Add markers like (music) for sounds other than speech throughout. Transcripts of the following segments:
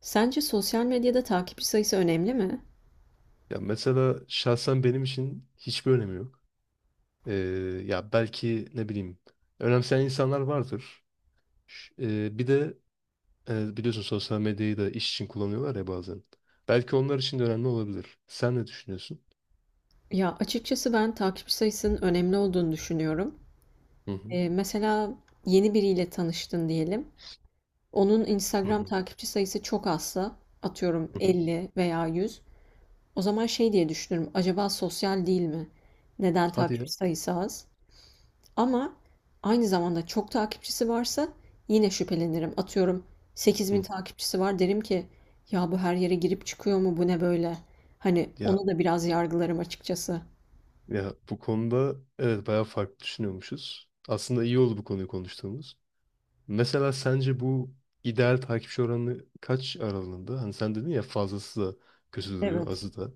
Sence sosyal medyada takipçi sayısı önemli mi? Ya mesela şahsen benim için hiçbir önemi yok. Ee, Ya belki ne bileyim önemseyen insanlar vardır. Bir de biliyorsun sosyal medyayı da iş için kullanıyorlar ya bazen. Belki onlar için de önemli olabilir. Sen ne düşünüyorsun? Ya, açıkçası ben takipçi sayısının önemli olduğunu düşünüyorum. Hı hı. Mesela yeni biriyle tanıştın diyelim. Onun Hı Instagram hı. takipçi sayısı çok azsa, atıyorum Hı hı. 50 veya 100, o zaman şey diye düşünürüm, acaba sosyal değil mi? Neden Hadi ya. takipçi sayısı az? Ama aynı zamanda çok takipçisi varsa yine şüphelenirim. Atıyorum 8.000 Hı. takipçisi var derim ki ya bu her yere girip çıkıyor mu, bu ne böyle? Hani Ya onu da biraz yargılarım açıkçası. ya bu konuda evet bayağı farklı düşünüyormuşuz. Aslında iyi oldu bu konuyu konuştuğumuz. Mesela sence bu ideal takipçi oranı kaç aralığında? Hani sen dedin ya fazlası da kötü duruyor, Evet. azı da.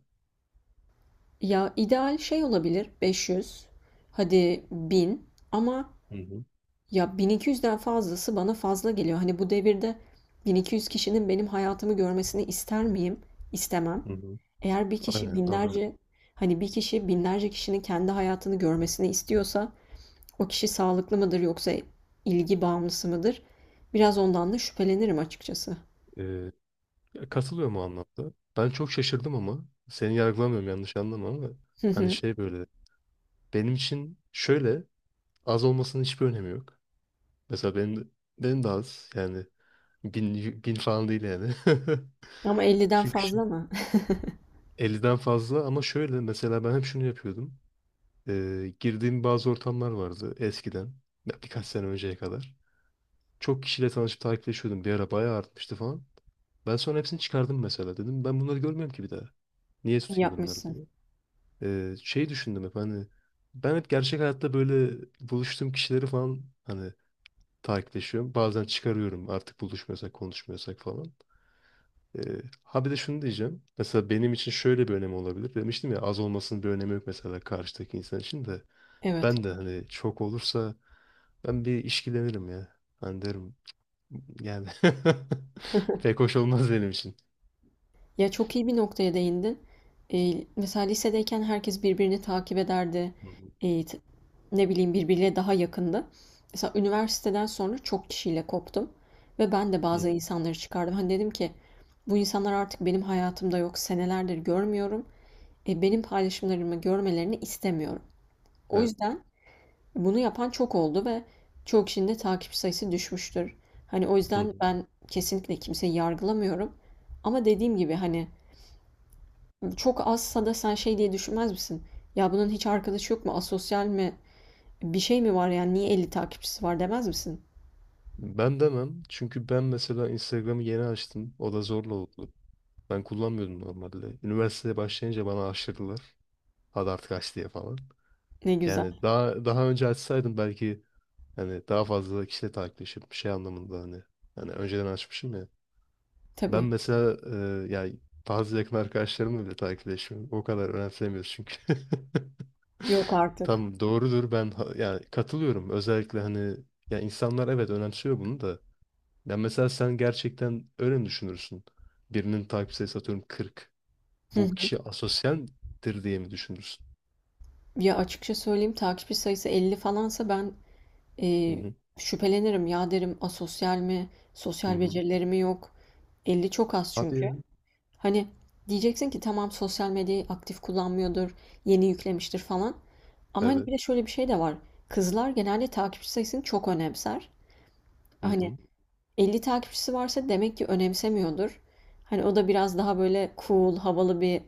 Ya ideal şey olabilir 500, hadi bin, ama Hı hı. ya 1200'den fazlası bana fazla geliyor. Hani bu devirde 1200 kişinin benim hayatımı görmesini ister miyim? İstemem. Hı hı. Eğer bir kişi Aynen anlıyorum. binlerce, hani bir kişi binlerce kişinin kendi hayatını görmesini istiyorsa, o kişi sağlıklı mıdır yoksa ilgi bağımlısı mıdır? Biraz ondan da şüphelenirim açıkçası. Ee, Katılıyorum o anlamda. Ben çok şaşırdım ama seni yargılamıyorum yanlış anlama ama Hı hani hı. şey böyle benim için şöyle az olmasının hiçbir önemi yok. Mesela benim de az yani bin falan değil yani. Ama (laughs) 50'den Çünkü şey, fazla mı? 50'den fazla ama şöyle mesela ben hep şunu yapıyordum. Girdiğim bazı ortamlar vardı eskiden ya birkaç sene önceye kadar. Çok kişiyle tanışıp takipleşiyordum. Bir ara bayağı artmıştı falan. Ben sonra hepsini çıkardım mesela dedim. Ben bunları görmüyorum ki bir daha. Niye (laughs) tutayım bunları Yapmışsın. diye. Şey düşündüm hep hani ben hep gerçek hayatta böyle buluştuğum kişileri falan hani takipleşiyorum. Bazen çıkarıyorum artık buluşmuyorsak konuşmuyorsak falan. Ee, ha bir de şunu diyeceğim. Mesela benim için şöyle bir önemi olabilir. Demiştim ya az olmasının bir önemi yok mesela karşıdaki insan için de. Evet. Ben de hani çok olursa ben bir işkilenirim ya. Hani derim yani (laughs) pek hoş olmaz benim için. Ya çok iyi bir noktaya değindin. Mesela lisedeyken herkes birbirini takip ederdi. Hı hı, Ee, t- ne bileyim, birbiriyle daha yakındı. Mesela üniversiteden sonra çok kişiyle koptum. Ve ben de hı hı. bazı insanları çıkardım. Hani dedim ki bu insanlar artık benim hayatımda yok. Senelerdir görmüyorum. Benim paylaşımlarımı görmelerini istemiyorum. O Evet. yüzden bunu yapan çok oldu ve çoğu kişinin de takip sayısı düşmüştür. Hani o Hı yüzden hı. ben kesinlikle kimseyi yargılamıyorum. Ama dediğim gibi hani çok azsa da sen şey diye düşünmez misin? Ya bunun hiç arkadaşı yok mu? Asosyal mi? Bir şey mi var yani? Niye 50 takipçisi var demez misin? Ben demem. Çünkü ben mesela Instagram'ı yeni açtım. O da zorla oldu. Ben kullanmıyordum normalde. Üniversiteye başlayınca bana aşırdılar. Hadi artık aç diye falan. Ne Yani güzel. daha önce açsaydım belki hani daha fazla kişiyle takipleşip şey anlamında hani önceden açmışım ya. Ben Tabii. mesela yani bazı yakın arkadaşlarımla bile takipleşmiyorum. O kadar önemsemiyoruz çünkü. (laughs) Yok artık. Tam doğrudur ben yani katılıyorum özellikle hani ya insanlar evet önemsiyor bunu da ya mesela sen gerçekten öyle mi düşünürsün? Birinin takip sayısı atıyorum 40. Hı Bu hı. kişi asosyaldir diye mi düşünürsün? Ya açıkça söyleyeyim, takipçi sayısı 50 falansa ben Hı e, hı. şüphelenirim. Ya derim, asosyal mi? Hı Sosyal hı. becerileri mi yok? 50 çok az Hadi çünkü. ya. Hani diyeceksin ki tamam, sosyal medyayı aktif kullanmıyordur, yeni yüklemiştir falan. Ama hani Evet. bir de şöyle bir şey de var. Kızlar genelde takipçi sayısını çok önemser. Hı Hani hı. 50 takipçisi varsa demek ki önemsemiyordur. Hani o da biraz daha böyle cool, havalı bir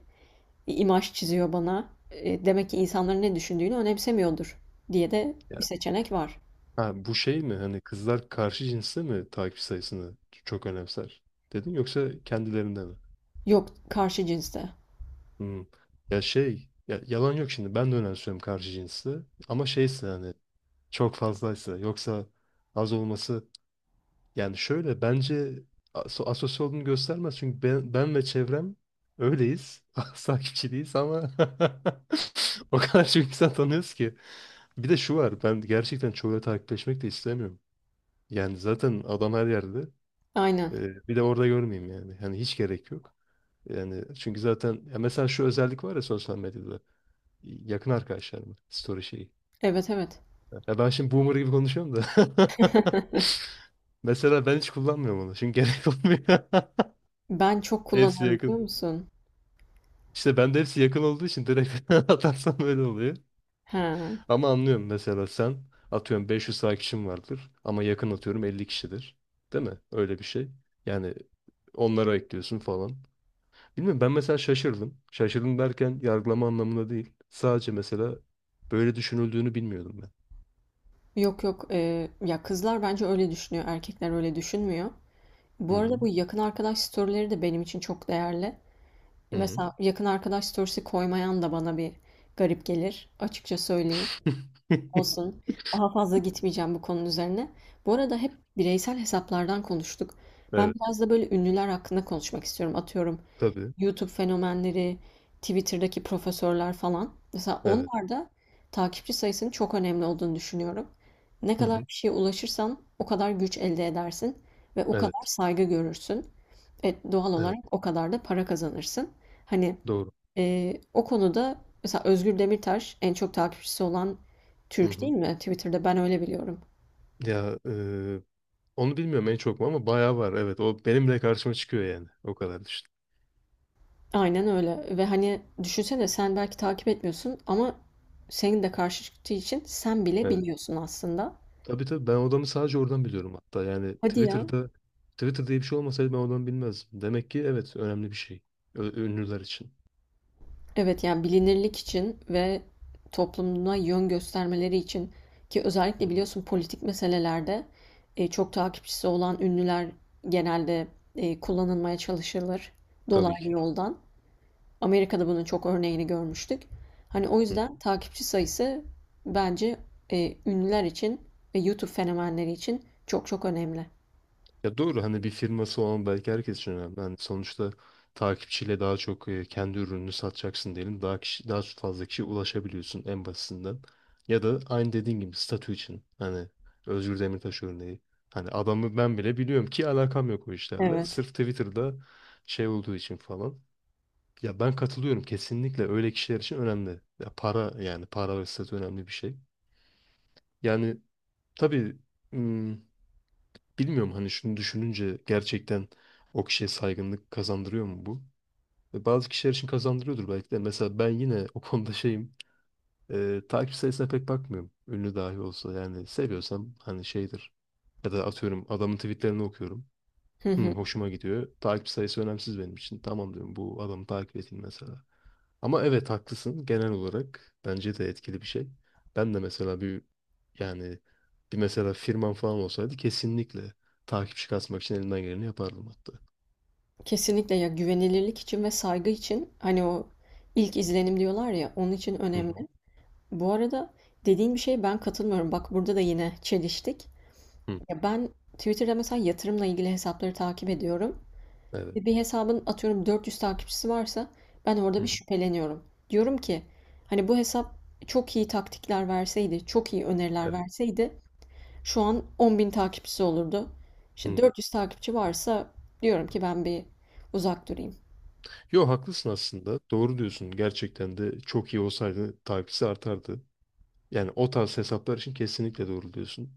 imaj çiziyor bana. Demek ki insanların ne düşündüğünü önemsemiyordur diye de Ya, bir seçenek var. ha, bu şey mi hani kızlar karşı cinste mi takip sayısını çok önemser dedin yoksa kendilerinde mi? Yok, karşı cinste. Hı. Ya şey ya yalan yok şimdi ben de önemsiyorum karşı cinsi ama şeyse hani çok fazlaysa. Yoksa az olması yani şöyle bence asosyal olduğunu göstermez. Çünkü ben ve çevrem öyleyiz. (laughs) Takipçi değiliz ama (laughs) o kadar çok insan tanıyoruz ki. Bir de şu var ben gerçekten çoğuyla takipleşmek de istemiyorum. Yani zaten adam her yerde. Aynen. Bir de orada görmeyeyim yani. Hani hiç gerek yok. Yani çünkü zaten ya mesela şu özellik var ya sosyal medyada. Yakın arkadaşlarım story şeyi. Evet, evet. Ya ben şimdi boomer gibi konuşuyorum da. (laughs) (laughs) Mesela ben hiç kullanmıyorum onu. Çünkü gerek olmuyor. Ben çok (laughs) Hepsi kullanıyorum, biliyor yakın. musun? İşte ben de hepsi yakın olduğu için direkt (laughs) atarsam öyle oluyor. Ha. Ama anlıyorum mesela sen atıyorum 500 takipçin vardır ama yakın atıyorum 50 kişidir. Değil mi? Öyle bir şey. Yani onlara ekliyorsun falan. Bilmiyorum ben mesela şaşırdım. Şaşırdım derken yargılama anlamında değil. Sadece mesela böyle düşünüldüğünü bilmiyordum ben. Yok, yok. Ya kızlar bence öyle düşünüyor. Erkekler öyle düşünmüyor. Hı Bu hı. arada bu yakın arkadaş storyleri de benim için çok değerli. Hı hı. Mesela yakın arkadaş storiesi koymayan da bana bir garip gelir. Açıkça söyleyeyim. (laughs) Olsun. Daha fazla gitmeyeceğim bu konunun üzerine. Bu arada hep bireysel hesaplardan konuştuk. Ben Evet. biraz da böyle ünlüler hakkında konuşmak istiyorum. Atıyorum Tabii. YouTube fenomenleri, Twitter'daki profesörler falan. Mesela Evet. onlar da takipçi sayısının çok önemli olduğunu düşünüyorum. Ne Hı kadar hı. kişiye ulaşırsan o kadar güç elde edersin ve o kadar Evet. saygı görürsün. Doğal Evet. olarak o kadar da para kazanırsın. Hani Doğru. O konuda mesela Özgür Demirtaş en çok takipçisi olan Hı Türk, hı. değil mi? Twitter'da ben öyle biliyorum. Ya onu bilmiyorum en çok mu ama bayağı var. Evet o benim bile karşıma çıkıyor yani. O kadar düşün. Aynen öyle ve hani düşünsene, sen belki takip etmiyorsun ama senin de karşı çıktığı için sen bile Evet. biliyorsun aslında. Tabii tabii ben odamı sadece oradan biliyorum hatta. Yani Hadi ya. Twitter diye bir şey olmasaydı ben odamı bilmezdim. Demek ki evet önemli bir şey. Ünlüler için. Evet, yani bilinirlik için ve toplumuna yön göstermeleri için, ki Hı özellikle hı. biliyorsun politik meselelerde çok takipçisi olan ünlüler genelde kullanılmaya çalışılır Tabii dolaylı ki. yoldan. Amerika'da bunun çok örneğini görmüştük. Hani o Hı. yüzden takipçi sayısı bence ünlüler için ve YouTube fenomenleri için çok çok önemli. Ya doğru hani bir firması olan belki herkes için önemli. Hani sonuçta takipçiyle daha çok kendi ürününü satacaksın diyelim. Daha fazla kişiye ulaşabiliyorsun en basitinden. Ya da aynı dediğin gibi statü için. Hani Özgür Demirtaş örneği. Hani adamı ben bile biliyorum ki alakam yok o işlerle. Evet. Sırf Twitter'da şey olduğu için falan. Ya ben katılıyorum kesinlikle öyle kişiler için önemli. Ya para yani para ve statü önemli bir şey. Yani tabii bilmiyorum hani şunu düşününce gerçekten o kişiye saygınlık kazandırıyor mu bu? Ve bazı kişiler için kazandırıyordur belki de. Mesela ben yine (laughs) o konuda şeyim. Takip sayısına pek bakmıyorum. Ünlü dahi olsa yani seviyorsam hani şeydir. Ya da atıyorum adamın tweetlerini okuyorum. Hı Hı, hı. hoşuma gidiyor. Takip sayısı önemsiz benim için. Tamam diyorum bu adamı takip edeyim mesela. Ama evet haklısın. Genel olarak bence de etkili bir şey. Ben de mesela yani bir mesela firmam falan olsaydı kesinlikle takipçi kasmak için elimden geleni yapardım hatta. Kesinlikle, ya güvenilirlik için ve saygı için, hani o ilk izlenim diyorlar ya, onun için Hı önemli. hı. Bu arada dediğin bir şeye ben katılmıyorum. Bak burada da yine çeliştik. Hı. Ya ben Twitter'da mesela yatırımla ilgili hesapları takip ediyorum. Evet. Ve bir hesabın atıyorum 400 takipçisi varsa ben orada Hı bir hı. şüpheleniyorum. Diyorum ki hani bu hesap çok iyi taktikler verseydi, çok iyi öneriler Evet. verseydi şu an 10.000 takipçisi olurdu. İşte Hı. 400 takipçi varsa diyorum ki ben bir uzak durayım. Yo haklısın aslında. Doğru diyorsun. Gerçekten de çok iyi olsaydı takipçisi artardı. Yani o tarz hesaplar için kesinlikle doğru diyorsun.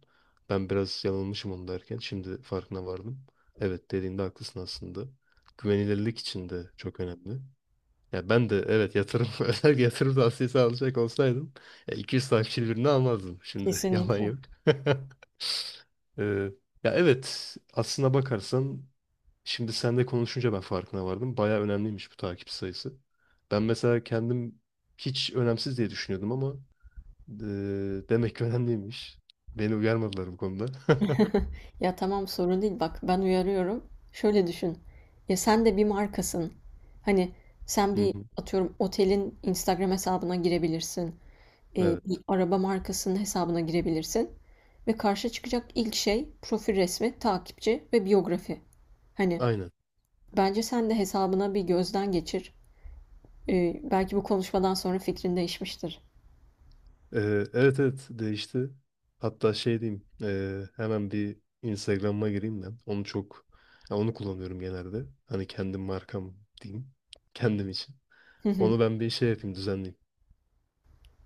Ben biraz yanılmışım onu derken şimdi farkına vardım. Evet dediğinde haklısın aslında. Güvenilirlik için de çok önemli. Ya ben de evet yatırım (laughs) özel yatırım tavsiyesi alacak olsaydım ya 200 takipçili birini almazdım. Şimdi (laughs) yalan Kesinlikle. yok. (laughs) Ee, Ya evet aslına bakarsan şimdi seninle konuşunca ben farkına vardım. Baya önemliymiş bu takip sayısı. Ben mesela kendim hiç önemsiz diye düşünüyordum ama Eee, demek ki önemliymiş. Beni uyarmadılar bu konuda. (laughs) (laughs) Ya tamam, sorun değil, bak ben uyarıyorum. Şöyle düşün. Ya sen de bir markasın. Hani sen Hı bir hı. atıyorum otelin Instagram hesabına girebilirsin. eee, Evet, bir araba markasının hesabına girebilirsin ve karşı çıkacak ilk şey profil resmi, takipçi ve biyografi. Hani aynen. bence sen de hesabına bir gözden geçir. Belki bu konuşmadan sonra fikrin değişmiştir. Evet evet değişti. Hatta şey diyeyim, hemen bir Instagram'a gireyim ben. Onu çok, ya onu kullanıyorum genelde. Hani kendim markam diyeyim, kendim için. Hı hı. Onu ben bir şey yapayım, düzenleyeyim.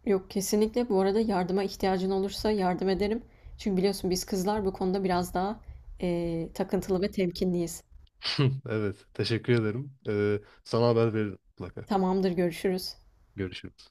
Yok, kesinlikle, bu arada yardıma ihtiyacın olursa yardım ederim. Çünkü biliyorsun biz kızlar bu konuda biraz daha takıntılı ve temkinliyiz. (laughs) Evet, teşekkür ederim. Sana haber veririm mutlaka. Tamamdır, görüşürüz. Görüşürüz.